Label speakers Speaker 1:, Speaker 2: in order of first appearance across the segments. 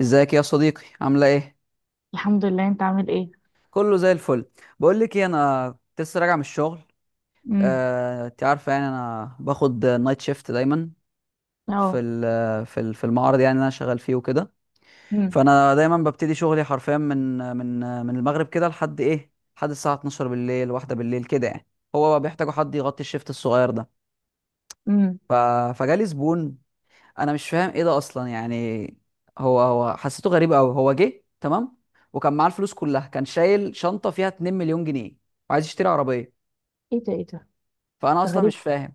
Speaker 1: ازيك يا صديقي، عامله ايه؟
Speaker 2: الحمد لله. انت عامل ايه؟
Speaker 1: كله زي الفل. بقول لك ايه، انا كنت لسه راجع من الشغل.
Speaker 2: امم.
Speaker 1: انت عارفه يعني انا باخد نايت شيفت دايما في
Speaker 2: اه.
Speaker 1: ال- في ال- في المعرض يعني اللي انا شغال فيه وكده.
Speaker 2: امم.
Speaker 1: فانا دايما ببتدي شغلي حرفيا من من المغرب كده لحد ايه، لحد الساعه 12 بالليل، واحدة بالليل كده يعني. هو بيحتاجوا حد يغطي الشيفت الصغير ده.
Speaker 2: امم.
Speaker 1: ف... فجالي زبون. انا مش فاهم ايه ده اصلا يعني. هو حسيته غريب قوي، هو جه تمام وكان معاه الفلوس كلها، كان شايل شنطه فيها 2 مليون جنيه وعايز يشتري عربيه.
Speaker 2: ايه ده، ايه ده؟
Speaker 1: فانا
Speaker 2: ده
Speaker 1: اصلا
Speaker 2: غريب.
Speaker 1: مش فاهم.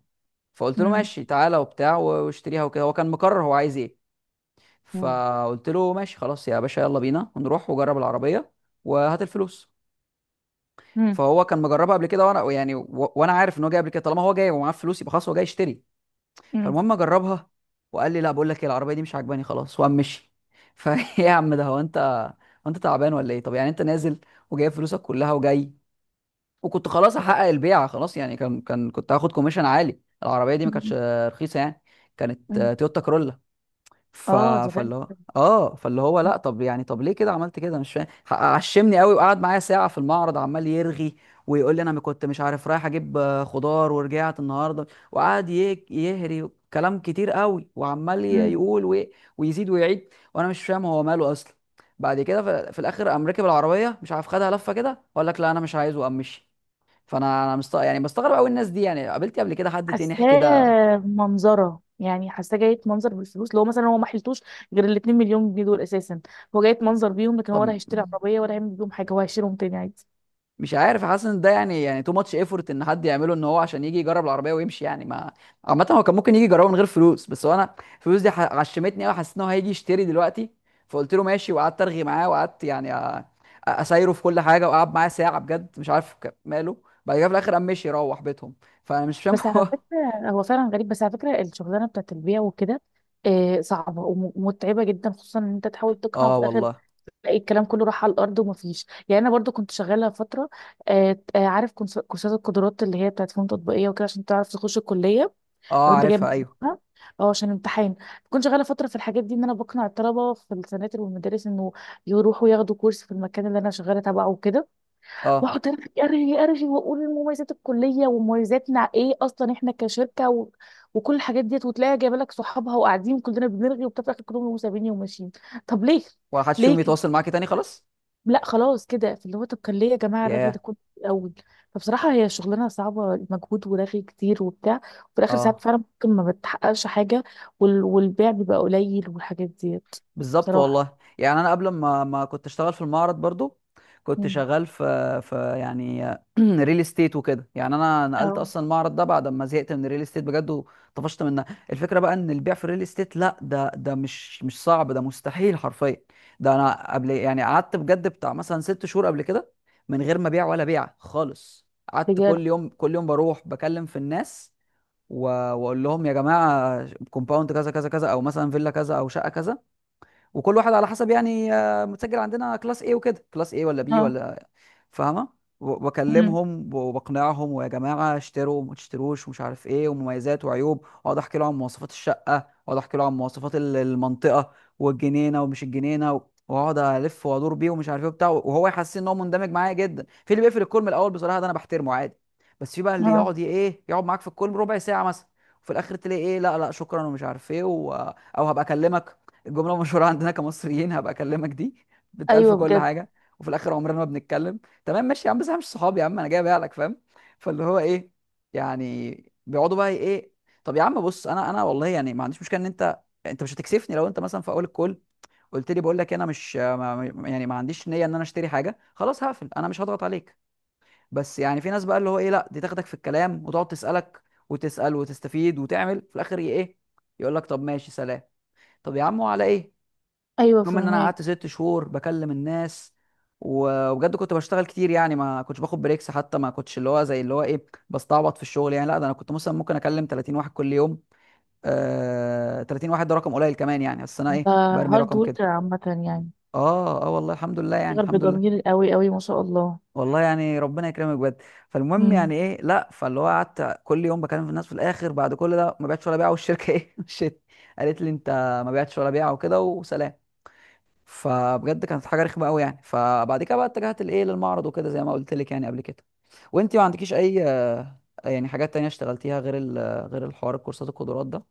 Speaker 1: فقلت له
Speaker 2: امم.
Speaker 1: ماشي تعالى وبتاع واشتريها وكده، هو كان مقرر هو عايز ايه.
Speaker 2: امم.
Speaker 1: فقلت له ماشي خلاص يا باشا، يلا بينا ونروح وجرب العربيه وهات الفلوس.
Speaker 2: امم.
Speaker 1: فهو كان مجربها قبل كده وانا يعني وانا عارف ان هو جاي قبل كده، طالما هو جاي ومعاه فلوس يبقى خلاص هو جاي يشتري.
Speaker 2: امم.
Speaker 1: فالمهم اجربها، وقال لي لا بقول لك ايه، العربيه دي مش عاجباني خلاص، وقام مشي. فايه يا عم ده، هو انت هو انت تعبان ولا ايه؟ طب يعني انت نازل وجايب فلوسك كلها وجاي، وكنت خلاص احقق البيعه خلاص يعني. كان كنت هاخد كوميشن عالي، العربيه دي ما كانتش
Speaker 2: امم.
Speaker 1: رخيصه يعني، كانت
Speaker 2: امم.
Speaker 1: تويوتا كرولا. ف...
Speaker 2: اه، ده غريب.
Speaker 1: فاللي هو لا، طب يعني طب ليه كده عملت كده؟ مش فاهم. عشمني قوي، وقعد معايا ساعة في المعرض عمال يرغي ويقول لي انا ما كنت مش عارف، رايح اجيب خضار ورجعت النهارده. وقعد يهري كلام كتير قوي، وعمال
Speaker 2: امم.
Speaker 1: يقول ويزيد ويعيد، وانا مش فاهم هو ماله اصلا. بعد كده في الاخر قام راكب العربيه، مش عارف، خدها لفه كده وقال لك لا انا مش عايز وقام مشي. فانا انا يعني بستغرب قوي الناس دي. يعني قابلتي قبل كده حد تنح كده؟
Speaker 2: حاساه منظره، يعني حاساه جاية منظر بالفلوس، لو مثلا هو ما حلتوش غير ال 2 مليون جنيه دول اساسا. هو جاية منظر بيهم، لكن هو
Speaker 1: طب
Speaker 2: ولا هيشتري عربيه ولا هيعمل بيهم حاجه. هو هيشيلهم تاني عادي.
Speaker 1: مش عارف، حاسس ان ده يعني تو ماتش ايفورت ان حد يعمله، ان هو عشان يجي يجرب العربيه ويمشي يعني ما. عامه هو كان ممكن يجي يجربه من غير فلوس، بس هو انا الفلوس دي عشمتني قوي، حسيت ان هو هيجي يشتري دلوقتي. فقلت له ماشي، وقعدت ارغي معاه، وقعدت يعني أ- اسايره في كل حاجه، وقعد معاه ساعه بجد، مش عارف ماله. بعد كده في الاخر قام مشي يروح بيتهم. فانا مش فاهم
Speaker 2: بس على
Speaker 1: هو.
Speaker 2: فكره هو فعلا غريب. بس على فكره الشغلانه بتاعت البيع وكده، صعبه ومتعبه جدا، خصوصا ان انت تحاول تقنع.
Speaker 1: اه
Speaker 2: في الاخر
Speaker 1: والله.
Speaker 2: تلاقي الكلام كله راح على الارض ومفيش. يعني انا برضو كنت شغاله فتره، عارف كورسات القدرات اللي هي بتاعت فنون تطبيقيه وكده، عشان تعرف تخش الكليه
Speaker 1: اه
Speaker 2: لو انت جايب
Speaker 1: عارفها، ايوه.
Speaker 2: مجموعها، او عشان امتحان. كنت شغاله فتره في الحاجات دي، ان انا بقنع الطلبه في السناتر والمدارس انه يروحوا ياخدوا كورس في المكان اللي انا شغاله تبعه وكده،
Speaker 1: اه،
Speaker 2: واقعد ارغي ارغي ارغي واقول مميزات الكليه ومميزاتنا ايه اصلا احنا كشركه وكل الحاجات ديت، وتلاقيها جايبه لك صحابها وقاعدين كلنا بنرغي وبتاع، في الاخر كلهم سابيني وماشيين. طب ليه؟
Speaker 1: ولا حد فيهم
Speaker 2: ليه؟
Speaker 1: يتواصل معاك تاني خلاص.
Speaker 2: لا خلاص كده. فاللي هو طب كان ليه يا جماعه الرغي ده
Speaker 1: ياه.
Speaker 2: كله في الاول؟ فبصراحه هي شغلانه صعبه، مجهود ورغي كتير وبتاع، وفي الاخر ساعات
Speaker 1: اه
Speaker 2: فعلا ممكن ما بتحققش حاجه. والبيع بيبقى قليل والحاجات ديت،
Speaker 1: بالظبط
Speaker 2: بصراحه.
Speaker 1: والله. يعني انا قبل ما كنت اشتغل في المعرض برضو، كنت
Speaker 2: مم.
Speaker 1: شغال في يعني ريل استيت وكده. يعني انا نقلت
Speaker 2: اه،
Speaker 1: اصلا المعرض ده بعد ما زهقت من الريل استيت بجد وطفشت منها. الفكره بقى ان البيع في الريل استيت لا، ده مش صعب، ده مستحيل حرفيا. ده انا قبل يعني قعدت بجد بتاع مثلا 6 شهور قبل كده من غير ما بيع ولا بيع خالص. قعدت
Speaker 2: بجد.
Speaker 1: كل يوم كل يوم بروح بكلم في الناس و- واقول لهم يا جماعه كومباوند كذا كذا كذا، او مثلا فيلا كذا، او شقه كذا، وكل واحد على حسب يعني متسجل عندنا كلاس ايه وكده، كلاس ايه ولا بي
Speaker 2: اه.
Speaker 1: ولا، فاهمه؟
Speaker 2: مم.
Speaker 1: واكلمهم وبقنعهم، ويا جماعه اشتروا وما تشتروش ومش عارف ايه، ومميزات وعيوب، واقعد احكي له عن مواصفات الشقه، واقعد احكي له عن مواصفات المنطقه، والجنينه ومش الجنينه، واقعد الف وادور بيه ومش عارف ايه وبتاع، وهو يحس ان هو مندمج معايا جدا. في اللي بيقفل الكول من الاول، بصراحه ده انا بحترمه عادي. بس في بقى اللي
Speaker 2: اه،
Speaker 1: يقعد ايه، يقعد معاك في الكول ربع ساعه مثلا، وفي الاخر تلاقي ايه، لا لا شكرا ومش عارف ايه او هبقى اكلمك. الجمله المشهوره عندنا كمصريين، هبقى اكلمك دي بتألف
Speaker 2: ايوه
Speaker 1: كل
Speaker 2: بجد.
Speaker 1: حاجه، وفي الاخر عمرنا ما بنتكلم. تمام ماشي يا عم، بس احنا مش صحاب يا عم، انا جاي لك، فاهم؟ فاللي هو ايه يعني، بيقعدوا بقى ايه. طب يا عم بص، انا والله يعني ما عنديش مشكله ان انت، انت مش هتكسفني لو انت مثلا في اول الكول قلت لي بقول لك انا مش ما يعني ما عنديش نيه ان انا اشتري حاجه، خلاص هقفل، انا مش هضغط عليك. بس يعني في ناس بقى اللي هو ايه، لا دي تاخدك في الكلام وتقعد تسالك وتسال وتستفيد، وتعمل في الاخر ايه، يقول لك طب ماشي سلام. طب يا عم وعلى ايه؟
Speaker 2: ايوه،
Speaker 1: المهم ان انا
Speaker 2: فهمك.
Speaker 1: قعدت 6 شهور بكلم الناس، وبجد كنت بشتغل كتير، يعني ما كنتش باخد بريكس، حتى ما كنتش اللي هو زي اللي هو ايه بستعبط في الشغل يعني. لا ده انا كنت مثلا ممكن اكلم 30 واحد كل يوم، آه 30 واحد ده رقم قليل كمان يعني، بس انا
Speaker 2: انت
Speaker 1: ايه، برمي
Speaker 2: هارد
Speaker 1: رقم كده.
Speaker 2: وركر عامه يعني،
Speaker 1: اه اه والله، الحمد لله يعني،
Speaker 2: بتشتغل
Speaker 1: الحمد لله.
Speaker 2: بضمير قوي قوي، ما شاء الله.
Speaker 1: والله يعني ربنا يكرمك بجد. فالمهم
Speaker 2: مم.
Speaker 1: يعني ايه، لا فاللي هو قعدت كل يوم بكلم في الناس، في الاخر بعد كل ده ما بعتش ولا بيعه، والشركه ايه مشيت، قالت لي انت ما بعتش ولا بيعه وكده وسلام. فبجد كانت حاجه رخمه قوي يعني. فبعد كده بقى اتجهت لايه، للمعرض وكده زي ما قلت لك يعني قبل كده. وانت ما عندكيش اي يعني حاجات تانية اشتغلتيها غير غير الحوار الكورسات القدرات ده؟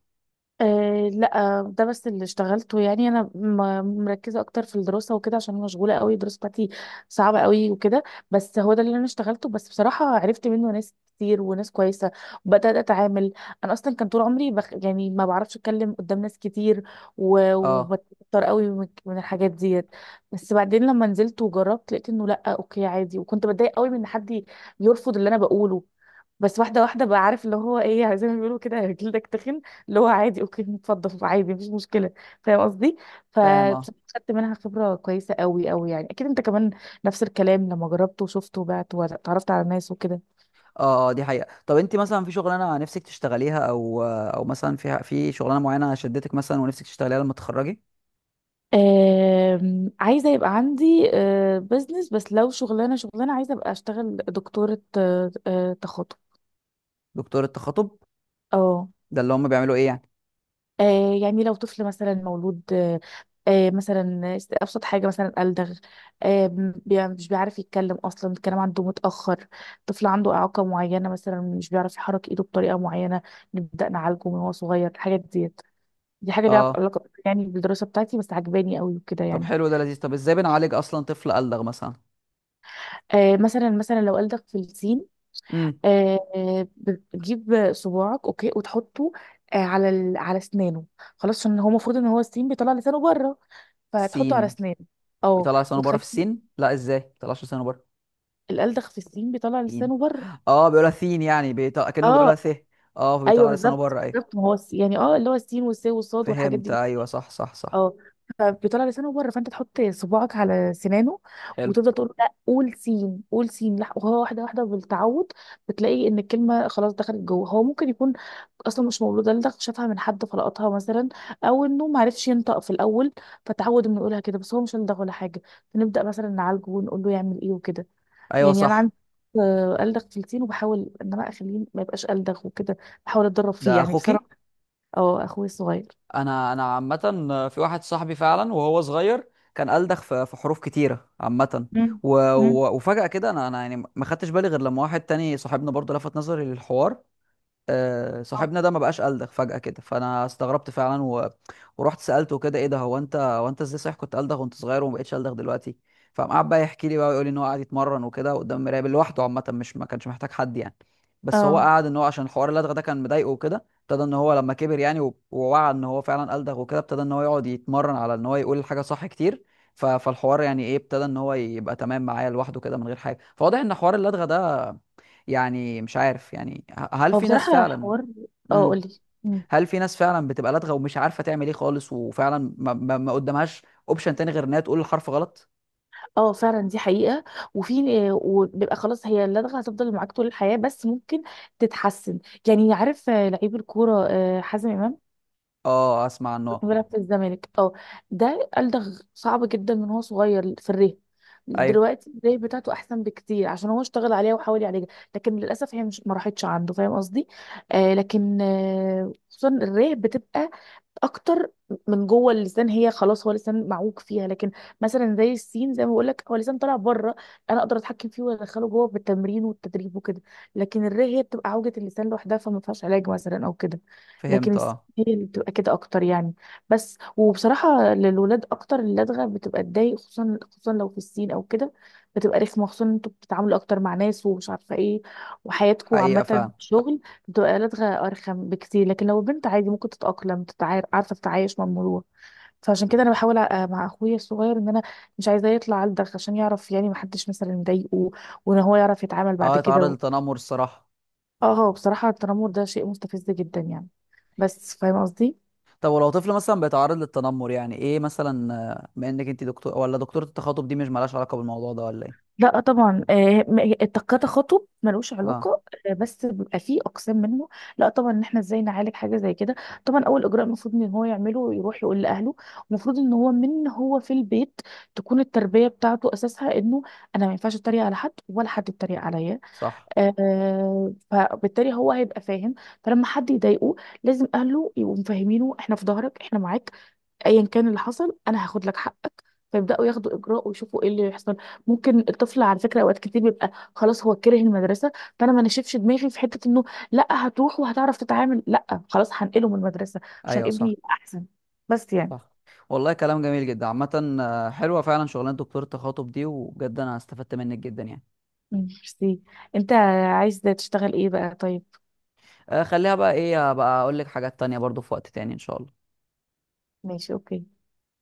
Speaker 2: أه لا، ده بس اللي اشتغلته. يعني انا مركزه اكتر في الدراسه وكده، عشان أنا مشغوله قوي. الدراسه بتاعتي صعبه قوي وكده. بس هو ده اللي انا اشتغلته. بس بصراحه عرفت منه ناس كتير وناس كويسه، وبدات اتعامل. انا اصلا كان طول عمري يعني ما بعرفش اتكلم قدام ناس كتير،
Speaker 1: اه
Speaker 2: وبتضطر قوي من الحاجات ديت. بس بعدين لما نزلت وجربت لقيت انه لا، اوكي عادي. وكنت بتضايق قوي من ان حد يرفض اللي انا بقوله، بس واحده واحده بقى، عارف اللي هو ايه، زي ما بيقولوا كده، جلدك تخن. اللي هو عادي، اوكي، اتفضل عادي، مفيش مشكله. فاهم قصدي.
Speaker 1: فاهم. اه
Speaker 2: فبصراحه خدت منها خبره كويسه قوي قوي، يعني اكيد انت كمان نفس الكلام، لما جربت وشفت وبعت وتعرفت على ناس وكده.
Speaker 1: اه. آه، دي حقيقة. طب انت مثلا في شغلانة نفسك تشتغليها، او مثلا في شغلانة معينة شدتك مثلا ونفسك تشتغليها لما تتخرجي؟
Speaker 2: عايزه يبقى عندي بزنس. بس لو شغلانه، شغلانه عايزه ابقى اشتغل دكتوره، تخاطب.
Speaker 1: دكتور التخاطب
Speaker 2: اه.
Speaker 1: ده اللي هم بيعملوا ايه يعني؟
Speaker 2: آه، يعني لو طفل مثلا مولود. مثلا أبسط حاجة، مثلا ألدغ، مش بيعرف يتكلم أصلا، الكلام عنده متأخر، طفل عنده إعاقة معينة، مثلا مش بيعرف يحرك إيده بطريقة معينة، نبدأ نعالجه من هو صغير، الحاجات ديت. دي حاجة ليها
Speaker 1: اه.
Speaker 2: علاقة يعني بالدراسة بتاعتي، بس عجباني قوي وكده
Speaker 1: طب
Speaker 2: يعني.
Speaker 1: حلو، ده لذيذ. طب ازاي بنعالج اصلا طفل ألدغ مثلا؟
Speaker 2: مثلا مثلا لو ألدغ في السين،
Speaker 1: امم.
Speaker 2: بتجيب صباعك، أوكي، وتحطه على أسنانه. خلاص، عشان هو المفروض إن هو السين بيطلع لسانه بره، فهتحطه على
Speaker 1: سين؟
Speaker 2: اسنانه. اه،
Speaker 1: بيطلع لسانه بره
Speaker 2: وتخلي.
Speaker 1: في السين؟ لا ازاي، ما بيطلعش لسانه بره.
Speaker 2: الالدغ في السين بيطلع
Speaker 1: سين.
Speaker 2: لسانه بره.
Speaker 1: اه بيقولها سين، يعني بيطلع كأنه بيقولها
Speaker 2: اه،
Speaker 1: س. اه،
Speaker 2: ايوه،
Speaker 1: فبيطلع لسانه
Speaker 2: بالظبط
Speaker 1: بره ايه.
Speaker 2: بالظبط، ما هو يعني اللي هو السين والسين والصاد والحاجات
Speaker 1: فهمت،
Speaker 2: دي.
Speaker 1: ايوه صح صح صح.
Speaker 2: اه. فبيطلع لسانه بره، فانت تحط صباعك على سنانه،
Speaker 1: حلو.
Speaker 2: وتفضل تقول له، لا، قول سين، قول سين، وهو واحده واحده بالتعود، بتلاقي ان الكلمه خلاص دخلت جوه. هو ممكن يكون اصلا مش مولود الدغ، شافها من حد فلقطها مثلا، او انه ما عرفش ينطق في الاول، فتعود انه يقولها كده، بس هو مش الدغ ولا حاجه، فنبدا مثلا نعالجه ونقول له يعمل ايه وكده.
Speaker 1: ايوه
Speaker 2: يعني انا
Speaker 1: صح.
Speaker 2: عندي ألدغ تلتين، وبحاول ان انا اخليه ما يبقاش ألدغ وكده، بحاول اتدرب فيه
Speaker 1: ده
Speaker 2: يعني
Speaker 1: اخوكي؟
Speaker 2: بصراحة. اه، اخوي الصغير.
Speaker 1: انا عامه، في واحد صاحبي فعلا وهو صغير كان ألدغ في حروف كتيره عامه،
Speaker 2: مم.
Speaker 1: و...
Speaker 2: مم.
Speaker 1: وفجأة كده انا يعني ما خدتش بالي غير لما واحد تاني صاحبنا برضه لفت نظري للحوار. صاحبنا ده ما بقاش قلدغ فجأة كده. فانا استغربت فعلا ورحت سألته كده ايه ده، هو انت ازاي، صحيح كنت قلدغ وانت صغير وما بقتش قلدغ دلوقتي؟ فقام قعد بقى يحكي لي بقى، ويقول لي ان هو قاعد يتمرن وكده قدام المرايه لوحده عامة، مش ما كانش محتاج حد يعني. بس هو
Speaker 2: اه،
Speaker 1: قعد ان هو عشان حوار اللدغه ده كان مضايقه وكده، ابتدى ان هو لما كبر يعني ووعى ان هو فعلا قلدغ، وكده ابتدى ان هو يقعد يتمرن على ان هو يقول الحاجه صح كتير. فالحوار يعني ايه، ابتدى ان هو يبقى تمام معايا لوحده كده من غير حاجه. فواضح ان حوار اللدغه ده، يعني مش عارف، يعني هل
Speaker 2: هو
Speaker 1: في ناس
Speaker 2: بصراحة
Speaker 1: فعلا.
Speaker 2: الحوار. اه،
Speaker 1: امم.
Speaker 2: قولي. مم.
Speaker 1: هل في ناس فعلا بتبقى لدغة ومش عارفة تعمل ايه خالص، وفعلا ما قدامهاش اوبشن تاني غير انها تقول الحرف غلط؟
Speaker 2: اه، فعلا دي حقيقة. وفي وبيبقى خلاص، هي اللدغة هتفضل معاك طول الحياة، بس ممكن تتحسن. يعني عارف لعيب الكورة، حازم إمام،
Speaker 1: اه اسمع عنه.
Speaker 2: بيلعب في الزمالك. اه. ده قال ده صعب جدا من هو صغير في الريه.
Speaker 1: ايوه
Speaker 2: دلوقتي الريه بتاعته احسن بكتير، عشان هو اشتغل عليها وحاول يعالجها، لكن للاسف هي مش ما راحتش عنده، فاهم قصدي. لكن خصوصا الريه بتبقى اكتر، من جوه اللسان، هي خلاص هو لسان معوج فيها. لكن مثلا زي السين، زي ما بقول لك هو لسان طالع بره، انا اقدر اتحكم فيه وادخله جوه بالتمرين والتدريب وكده. لكن هي بتبقى عوجة اللسان لوحدها، فما فيهاش علاج مثلا او كده. لكن
Speaker 1: فهمت، اه.
Speaker 2: هي اللي بتبقى كده اكتر يعني. بس، وبصراحة للولاد اكتر اللدغة بتبقى تضايق، خصوصا خصوصا لو في السين او كده، بتبقى رخمة، خصوصا إن انتوا بتتعاملوا اكتر مع ناس ومش عارفة ايه، وحياتكم
Speaker 1: حقيقة
Speaker 2: عامة
Speaker 1: فعلا.
Speaker 2: شغل، دقالات أرخم بكتير. لكن لو بنت عادي ممكن تتأقلم، عارفة تتعايش مع الموضوع. فعشان كده أنا بحاول مع أخويا الصغير، إن أنا مش عايزاه يطلع علدغ، عشان يعرف يعني محدش مثلا يضايقه، وإن هو يعرف يتعامل بعد
Speaker 1: اه
Speaker 2: كده
Speaker 1: يتعرض للتنمر، الصراحة.
Speaker 2: اه، هو بصراحة التنمر ده شيء مستفز جدا يعني، بس فاهم قصدي.
Speaker 1: طب ولو طفل مثلا بيتعرض للتنمر يعني ايه مثلا، بما انك انت دكتور ولا دكتورة التخاطب، دي مش مالهاش علاقة بالموضوع ده ولا ايه؟
Speaker 2: لا طبعا، التقاطع خطب ملوش
Speaker 1: اه
Speaker 2: علاقه. بس بيبقى فيه اقسام منه. لا طبعا، ان احنا ازاي نعالج حاجه زي كده. طبعا، اول اجراء المفروض ان هو يعمله، يروح يقول لاهله. المفروض ان هو من هو في البيت تكون التربيه بتاعته اساسها انه انا ما ينفعش اتريق على حد، ولا حد يتريق عليا،
Speaker 1: صح.
Speaker 2: فبالتالي هو هيبقى فاهم. فلما حد يضايقه، لازم اهله يبقوا مفهمينه، احنا في ظهرك، احنا معاك، ايا كان اللي حصل انا هاخد لك حقك، فيبداوا ياخدوا اجراء ويشوفوا ايه اللي يحصل. ممكن الطفل على فكره اوقات كتير بيبقى خلاص هو كره المدرسه، فانا ما نشفش دماغي في حته انه لا، هتروح وهتعرف تتعامل. لا خلاص، هنقله من المدرسه عشان
Speaker 1: ايوه
Speaker 2: ابني
Speaker 1: صح
Speaker 2: يبقى احسن. بس يعني.
Speaker 1: صح. والله كلام جميل جدا عامة، حلوة فعلا شغلانة دكتور التخاطب دي، وبجد أنا استفدت منك جدا يعني.
Speaker 2: مم، ميرسي. انت عايز تشتغل ايه بقى؟ طيب.
Speaker 1: آه، خليها بقى إيه بقى، أقول لك حاجات تانية برضو في وقت تاني إن شاء الله.
Speaker 2: ماشي، اوكي.